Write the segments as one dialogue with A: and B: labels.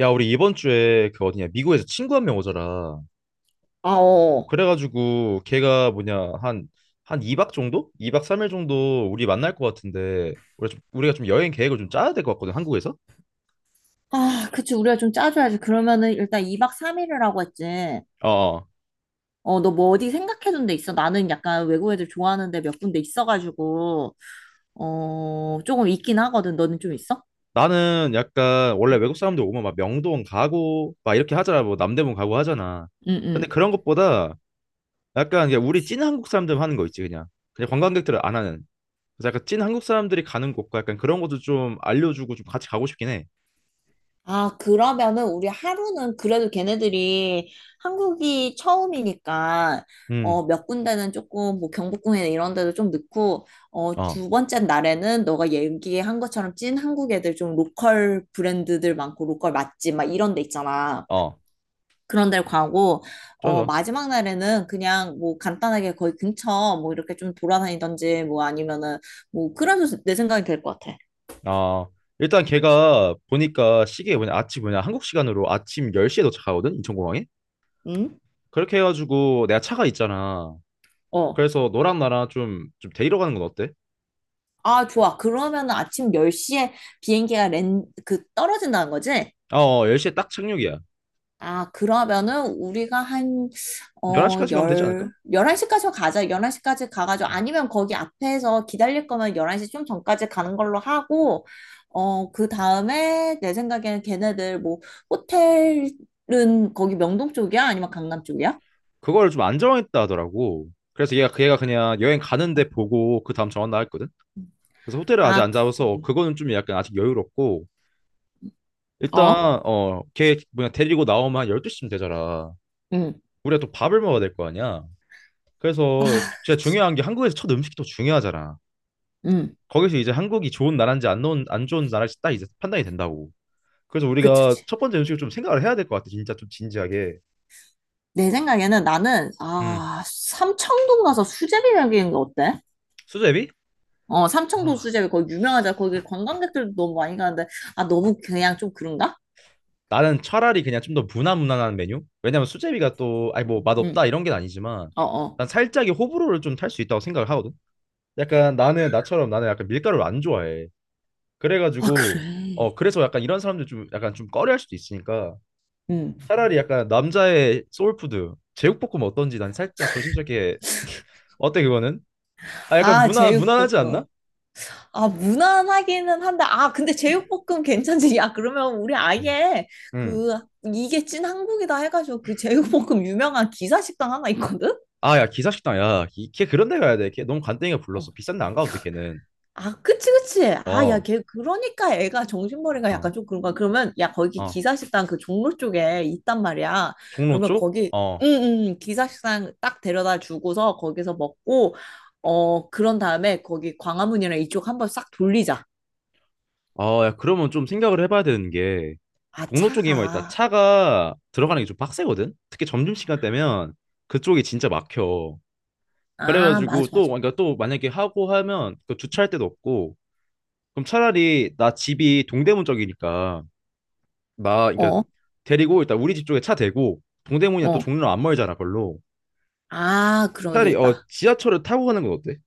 A: 야, 우리 이번 주에 그 어디냐, 미국에서 친구 한 명 오잖아.
B: 아, 어.
A: 그래가지고 걔가 뭐냐, 한 2박 정도? 2박 3일 정도 우리 만날 것 같은데, 우리가 좀 여행 계획을 좀 짜야 될 것 같거든, 한국에서?
B: 아, 그치. 우리가 좀 짜줘야지. 그러면은 일단 2박 3일을 하고 했지.
A: 어. 어.
B: 어, 너 뭐 어디 생각해둔 데 있어? 나는 약간 외국 애들 좋아하는데 몇 군데 있어가지고, 어, 조금 있긴 하거든. 너는 좀 있어?
A: 나는 약간 원래 외국 사람들 오면 막 명동 가고 막 이렇게 하잖아, 뭐 남대문 가고 하잖아.
B: 응,
A: 근데
B: 응.
A: 그런 것보다 약간 그냥 우리 찐 한국 사람들 하는 거 있지, 그냥. 그냥 관광객들은 안 하는. 그래서 약간 찐 한국 사람들이 가는 곳과 약간 그런 것도 좀 알려주고 좀 같이 가고 싶긴 해.
B: 아, 그러면은 우리 하루는 그래도 걔네들이 한국이 처음이니까
A: 음,
B: 몇 군데는 조금 뭐 경복궁에 이런 데도 좀 넣고
A: 어,
B: 두 번째 날에는 너가 얘기한 것처럼 찐 한국 애들 좀 로컬 브랜드들 많고 로컬 맛집 막 이런 데 있잖아.
A: 어.
B: 그런 데를 가고
A: 좋아, 좋아.
B: 마지막 날에는 그냥 뭐 간단하게 거기 근처 뭐 이렇게 좀 돌아다니던지 뭐 아니면은 뭐 그래도 내 생각이 될 것 같아.
A: 아, 일단 걔가 보니까 시계 뭐냐, 아침 뭐냐, 한국 시간으로 아침 10시에 도착하거든, 인천공항에?
B: 응?
A: 그렇게 해가지고 내가 차가 있잖아.
B: 어.
A: 그래서 너랑 나랑 좀 데리러 가는 건 어때?
B: 아, 좋아. 그러면은 아침 10시에 떨어진다는 거지?
A: 아, 어, 10시에 딱 착륙이야.
B: 아, 그러면은 우리가 한, 어,
A: 11시까지 가면 되지 않을까?
B: 열, 11시까지 가자. 11시까지 가가지고,
A: 음.
B: 아니면 거기 앞에서 기다릴 거면 11시 좀 전까지 가는 걸로 하고, 그 다음에 내 생각에는 걔네들 뭐, 호텔은 거기 명동 쪽이야? 아니면 강남 쪽이야?
A: 그걸 좀 안 정했다 하더라고. 그래서 걔가 그냥 여행
B: 어.
A: 가는데 보고 그 다음 정한다 했거든? 그래서 호텔을 아직
B: 아,
A: 안
B: 그,
A: 잡아서 그거는 좀 약간 아직 여유롭고,
B: 어?
A: 일단, 걔 뭐냐, 데리고 나오면 한 12시쯤 되잖아.
B: 응,
A: 우리가 또 밥을 먹어야 될 거 아니야? 그래서 진짜
B: 그치.
A: 중요한 게 한국에서 첫 음식이 또 중요하잖아.
B: 응,
A: 거기서 이제 한국이 좋은 나라인지 안 좋은 나라인지 딱 이제 판단이 된다고. 그래서 우리가
B: 그치.
A: 첫 번째 음식을 좀 생각을 해야 될 것 같아. 진짜 좀 진지하게.
B: 내 생각에는 나는
A: 음.
B: 아 삼청동 가서 수제비 먹이는 거 어때?
A: 수제비?
B: 어 삼청동
A: 와.
B: 수제비 거기 유명하잖아 거기 관광객들도 너무 많이 가는데 아 너무 그냥 좀 그런가?
A: 나는 차라리 그냥 좀 더 무난무난한 메뉴? 왜냐면 수제비가 또 아니 뭐 맛없다 이런 게 아니지만
B: 응어어
A: 난 살짝의 호불호를 좀 탈 수 있다고 생각을 하거든. 약간 나는 나처럼 나는 약간 밀가루를 안 좋아해.
B: 아
A: 그래가지고
B: 그래
A: 그래서 약간 이런 사람들 좀 약간 좀 꺼려할 수도 있으니까
B: 응.
A: 차라리 약간 남자의 소울푸드 제육볶음 어떤지 난 살짝 조심스럽게 어때 그거는? 아 약간
B: 아,
A: 무난 무난하지
B: 제육볶음.
A: 않나?
B: 아, 무난하기는 한데, 아, 근데 제육볶음 괜찮지? 야, 그러면 우리
A: 음.
B: 아예
A: 응.
B: 그, 이게 찐 한국이다 해가지고 그 제육볶음 유명한 기사식당 하나 있거든?
A: 아 야 기사식당 야 걔 그런 데 가야 돼. 걔 너무 간땡이가
B: 어,
A: 불렀어. 비싼 데 안 가도 돼 걔는.
B: 아, 그치, 그치. 아, 야,
A: 어.
B: 걔, 그러니까 애가 정신머리가
A: 어.
B: 약간 좀 그런 거야. 그러면, 야, 거기
A: 어.
B: 기사식당 그 종로 쪽에 있단 말이야.
A: 종로
B: 그러면
A: 쪽?
B: 거기,
A: 어.
B: 응, 응, 응. 기사식당 딱 데려다 주고서 거기서 먹고, 그런 다음에 거기 광화문이랑 이쪽 한번 싹 돌리자.
A: 어 야 그러면 좀 생각을 해봐야 되는 게
B: 아,
A: 종로 쪽이 뭐 일단
B: 차가.
A: 차가 들어가는 게 좀 빡세거든. 특히 점심시간 되면 그쪽이 진짜 막혀.
B: 아,
A: 그래가지고
B: 맞아,
A: 또
B: 맞아.
A: 그러니까 또 만약에 하고 하면 그 주차할 데도 없고 그럼 차라리 나 집이 동대문 쪽이니까 나 그러니까
B: 어,
A: 데리고 일단 우리 집 쪽에 차 대고 동대문이랑 또
B: 어.
A: 종로 안 멀잖아 걸로
B: 아, 그러면
A: 차라리
B: 되겠다.
A: 지하철을 타고 가는 건 어때?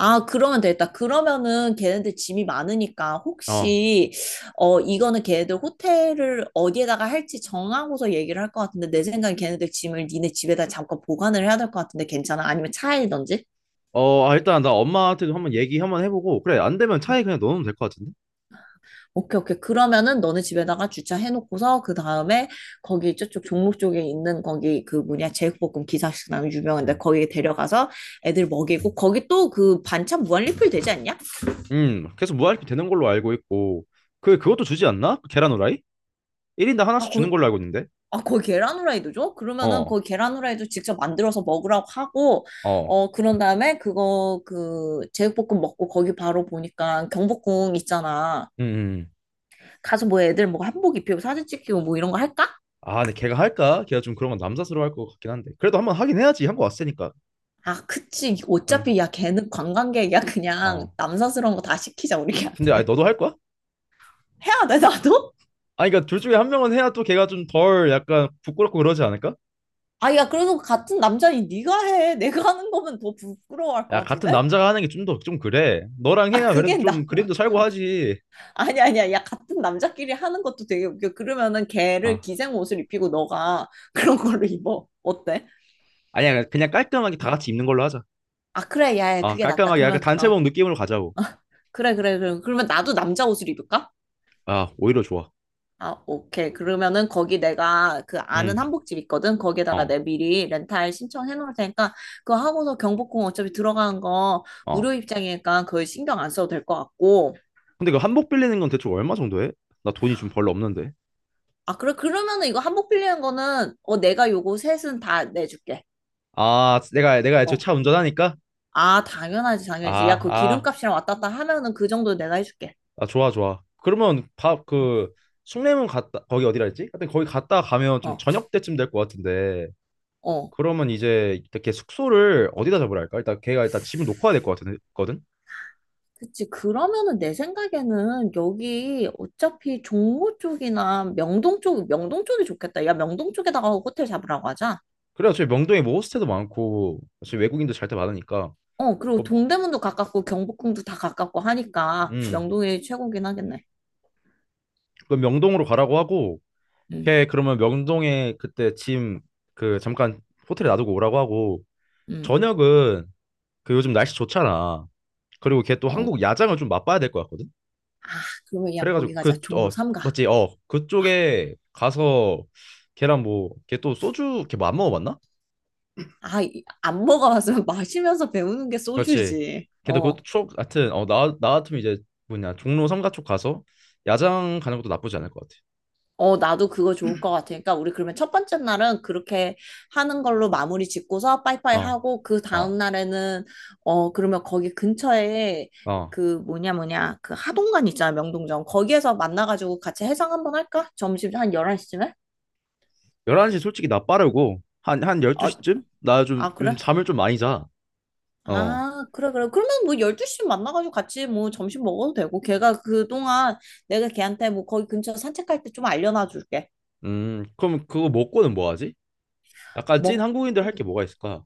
B: 아, 그러면 되겠다. 그러면은 걔네들 짐이 많으니까
A: 어.
B: 혹시 어 이거는 걔네들 호텔을 어디에다가 할지 정하고서 얘기를 할 것 같은데 내 생각엔 걔네들 짐을 니네 집에다 잠깐 보관을 해야 될 것 같은데 괜찮아? 아니면 차에든지?
A: 어, 아, 일단 나 엄마한테도 한번 얘기 한번 해보고 그래 안 되면
B: 음,
A: 차에 그냥 넣어놓으면 될 것 같은데?
B: 오케이, 오케이. 그러면은 너네 집에다가 주차해놓고서 그 다음에 거기 저쪽 종로 쪽에 있는 거기 그 뭐냐 제육볶음 기사식당 유명한데
A: 음.
B: 거기 데려가서 애들 먹이고 거기 또 그 반찬 무한 리필 되지 않냐?
A: 계속 무할피 되는 걸로 알고 있고 그것도 주지 않나? 그 계란 후라이? 1인당
B: 아,
A: 하나씩 주는 걸로 알고 있는데
B: 아, 거기 계란 후라이도 줘? 그러면은
A: 어
B: 거기 계란 후라이도 직접 만들어서 먹으라고 하고,
A: 어.
B: 그런 다음에 제육볶음 먹고 거기 바로 보니까 경복궁 있잖아.
A: 음, 음.
B: 가서 뭐 애들 뭐 한복 입히고 사진 찍히고 뭐 이런 거 할까?
A: 아 근데 걔가 할까? 걔가 좀 그런 건 남사스러워 할 것 같긴 한데 그래도 한번 하긴 해야지 한 거 왔으니까
B: 아, 그치.
A: 응.
B: 어차피 야, 걔는 관광객이야. 그냥
A: 어
B: 남사스러운 거 다 시키자, 우리
A: 근데 아니
B: 걔한테.
A: 너도 할 거야?
B: 해야 돼, 나도?
A: 아니 그러니까 둘 중에 한 명은 해야 또 걔가 좀 덜 약간 부끄럽고 그러지 않을까?
B: 아, 야, 그래도 같은 남자니 네가 해. 내가 하는 거면 더 부끄러워할 것
A: 야 같은
B: 같은데?
A: 남자가 하는 게 좀 더 좀 그래. 너랑
B: 아,
A: 해야 그래도
B: 그게
A: 좀
B: 나.
A: 그림도 살고 하지.
B: 아니 아니야. 야 같은 남자끼리 하는 것도 되게 웃겨. 그러면은 걔를
A: 아
B: 기생 옷을 입히고 너가 그런 걸로 입어. 어때?
A: 아니야 그냥 깔끔하게
B: 어.
A: 다 같이 입는 걸로 하자.
B: 아 그래 야, 야
A: 아
B: 그게 낫다.
A: 깔끔하게 약간
B: 그러면 어
A: 단체복 느낌으로 가자고.
B: 그래 그래 그럼 그러면 나도 남자 옷을 입을까?
A: 아 오히려 좋아.
B: 아 오케이. 그러면은 거기 내가 그 아는
A: 음.
B: 한복집 있거든. 거기에다가
A: 어.
B: 내 미리 렌탈 신청해 놓을 테니까 그거 하고서 경복궁 어차피 들어가는 거 무료
A: 어.
B: 입장이니까 그걸 신경 안 써도 될 것 같고.
A: 근데 그 한복 빌리는 건 대충 얼마 정도 해? 나 돈이 좀 별로 없는데.
B: 아 그래 그러면은 이거 한복 빌리는 거는 어 내가 요거 셋은 다 내줄게.
A: 아 내가 애초에
B: 어.
A: 차 운전하니까.
B: 아, 당연하지,
A: 아
B: 당연하지. 야, 그
A: 아.
B: 기름값이랑 왔다 갔다 하면은 그 정도 내가 해줄게.
A: 아 좋아 좋아. 그러면 밥그 숭례문 갔다 거기 어디라 했지? 하여튼 거기 갔다 가면 좀
B: 어,
A: 저녁 때쯤 될 것 같은데.
B: 어.
A: 그러면 이제 이렇게 숙소를 어디다 잡으라 할까? 일단 걔가 일단 집을 놓고 와야 될 것 같거든.
B: 그치. 그러면은 내 생각에는 여기 어차피 종로 쪽이나 명동 쪽, 명동 쪽이 좋겠다. 야, 명동 쪽에다가 호텔 잡으라고 하자.
A: 그래 어차피 명동에 뭐 호스텔도 많고 어차피 외국인도 잘 때 많으니까.
B: 어, 그리고
A: 어,
B: 동대문도 가깝고 경복궁도 다 가깝고 하니까
A: 음.
B: 명동이 최고긴 하겠네.
A: 그럼 명동으로 가라고 하고
B: 응,
A: 걔 그러면 명동에 그때 짐 그 잠깐 호텔에 놔두고 오라고 하고
B: 응.
A: 저녁은 그 요즘 날씨 좋잖아. 그리고 걔 또
B: 어.
A: 한국 야장을 좀 맛봐야 될 것 같거든.
B: 아, 그러면 야, 거기
A: 그래가지고
B: 가자.
A: 그
B: 종로 삼가
A: 맞지
B: 아,
A: 그쪽에 가서 걔랑 뭐 걔 또 소주 걔 뭐 안 먹어봤나?
B: 안 먹어봤으면 마시면서 배우는 게
A: 그렇지.
B: 소주지.
A: 근데 그것도
B: 어,
A: 추억 하여튼 나 같으면 이제 뭐냐 종로 삼가 쪽 가서 야장 가는 것도 나쁘지 않을 것
B: 어, 나도 그거 좋을 것 같으니까, 우리 그러면 첫 번째 날은 그렇게 하는 걸로 마무리 짓고서 빠이빠이
A: 같아.
B: 하고, 그
A: 어,
B: 다음
A: 어,
B: 날에는, 어, 그러면 거기 근처에
A: 어.
B: 그 뭐냐, 그 하동관 있잖아, 명동점. 거기에서 만나가지고 같이 해상 한번 할까? 점심 한 11시쯤에?
A: 11시 솔직히 나 빠르고 한
B: 어,
A: 12시쯤? 나 좀
B: 아,
A: 요즘
B: 그래?
A: 잠을 좀 많이 자. 어.
B: 아, 그래, 그래. 그러면 뭐 12시 만나가지고 같이 뭐 점심 먹어도 되고, 걔가 그동안 내가 걔한테 뭐 거기 근처 산책할 때 좀 알려놔 줄게.
A: 그럼 그거 먹고는 뭐 하지? 약간 찐
B: 먹고,
A: 한국인들 할 게 뭐가 있을까?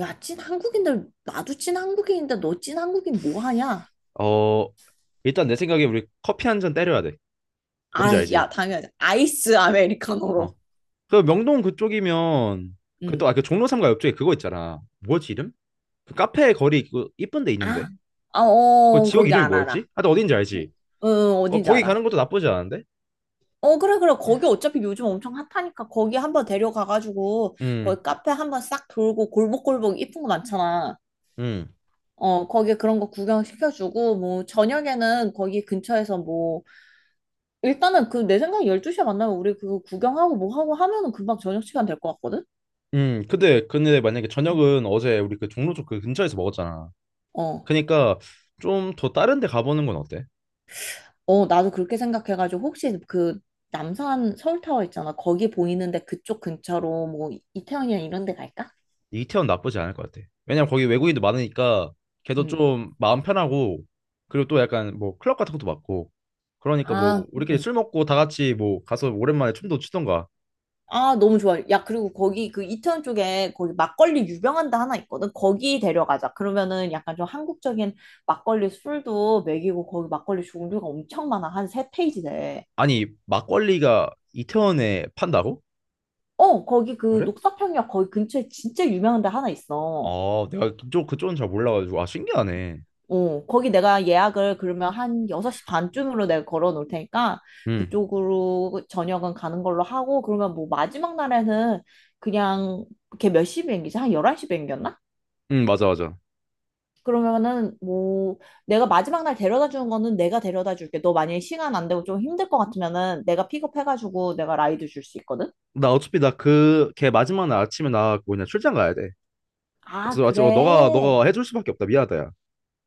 B: 야, 찐 한국인들, 나도 찐 한국인인데 너 찐 한국인 뭐 하냐?
A: 어, 일단 내 생각에 우리 커피 한 잔 때려야 돼.
B: 아,
A: 뭔지
B: 야,
A: 알지?
B: 당연히 아이스
A: 어.
B: 아메리카노로.
A: 그 명동 그쪽이면 그 또
B: 응.
A: 아 그 종로 삼가 옆쪽에 그거 있잖아. 뭐지 이름? 그 카페 거리 그 이쁜 데 있는데.
B: 아, 아,
A: 그
B: 어,
A: 지역
B: 거기
A: 이름이
B: 안 알아.
A: 뭐였지? 하여튼 어딘지
B: 응,
A: 알지?
B: 응,
A: 어,
B: 어딘지
A: 거기 가는
B: 알아.
A: 것도 나쁘지 않은데?
B: 어, 그래, 그래. 거기 어차피 요즘 엄청 핫하니까 거기 한번 데려가가지고
A: 음,
B: 거기 카페 한번 싹 돌고 골목골목 이쁜 거 많잖아.
A: 음,
B: 거기 그런 거 구경시켜주고 뭐 저녁에는 거기 근처에서 뭐 일단은 그 내 생각에 12시에 만나면 우리 그거 구경하고 뭐 하고 하면은 금방 저녁 시간 될 것 같거든?
A: 근데 만약에
B: 응.
A: 저녁은 어제 우리 그 종로 쪽 그 근처에서 먹었잖아.
B: 어.
A: 그니까 좀 더 다른 데 가보는 건 어때?
B: 어, 나도 그렇게 생각해가지고 혹시 그 남산 서울타워 있잖아. 거기 보이는데 그쪽 근처로 뭐 이태원이나 이런 데 갈까?
A: 이태원 나쁘지 않을 것 같아. 왜냐면 거기 외국인도 많으니까 걔도
B: 음.
A: 좀 마음 편하고 그리고 또 약간 뭐 클럽 같은 것도 많고 그러니까 뭐
B: 아,
A: 우리끼리
B: 음.
A: 술 먹고 다 같이 뭐 가서 오랜만에 춤도 추던가.
B: 아, 너무 좋아. 야, 그리고 거기 그 이태원 쪽에 거기 막걸리 유명한 데 하나 있거든. 거기 데려가자. 그러면은 약간 좀 한국적인 막걸리 술도 먹이고 거기 막걸리 종류가 엄청 많아. 한 세 페이지 돼.
A: 아니, 막걸리가 이태원에 판다고?
B: 어, 거기 그
A: 그래?
B: 녹사평역 거기 근처에 진짜 유명한 데 하나 있어.
A: 아, 내가 그쪽은 잘 몰라가지고. 아, 신기하네.
B: 어, 거기 내가 예약을 그러면 한 6시 반쯤으로 내가 걸어 놓을 테니까
A: 응,
B: 그쪽으로 저녁은 가는 걸로 하고 그러면 뭐 마지막 날에는 그냥 걔 몇 시 비행기지? 한 11시 비행기였나?
A: 응, 맞아, 맞아.
B: 그러면은 뭐 내가 마지막 날 데려다 주는 거는 내가 데려다 줄게. 너 만약에 시간 안 되고 좀 힘들 것 같으면은 내가 픽업해가지고 내가 라이드 줄 수 있거든?
A: 나 어차피 나 그, 걔 마지막 날 아침에 나 뭐냐, 출장 가야 돼.
B: 아,
A: 그래서 아침, 너가
B: 그래.
A: 해줄 수밖에 없다. 미안하다, 야.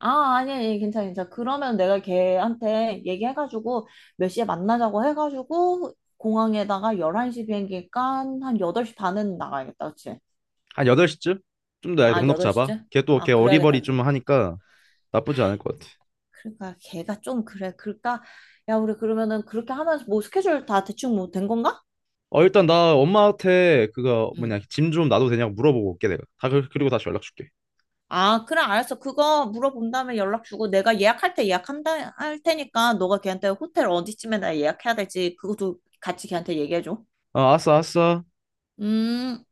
B: 아, 아니, 아니, 괜찮아, 괜찮아. 그러면 내가 걔한테 얘기해가지고 몇 시에 만나자고 해가지고 공항에다가 11시 비행기니까 한 8시 반은 나가야겠다, 그치?
A: 한 8시쯤? 좀 더
B: 아,
A: 넉넉 잡아.
B: 8시쯤?
A: 걔 또, 걔
B: 아, 그래야겠다,
A: 어리버리 좀
B: 그래야겠다.
A: 하니까 나쁘지 않을 것 같아.
B: 그러니까 걔가 좀 그래. 그러니까, 야, 우리 그러면은 그렇게 하면서 뭐 스케줄 다 대충 뭐 된 건가?
A: 어, 일단 나 엄마한테 그거
B: 응.
A: 뭐냐, 짐 좀 놔도 되냐고 물어보고 올게, 내가. 그리고 다시 연락 줄게.
B: 아, 그래, 알았어. 그거 물어본 다음에 연락 주고 내가 예약할 때 예약한다, 할 테니까 너가 걔한테 호텔 어디쯤에다 예약해야 될지 그것도 같이 걔한테 얘기해줘.
A: 어, 알았어, 알았어.
B: 음.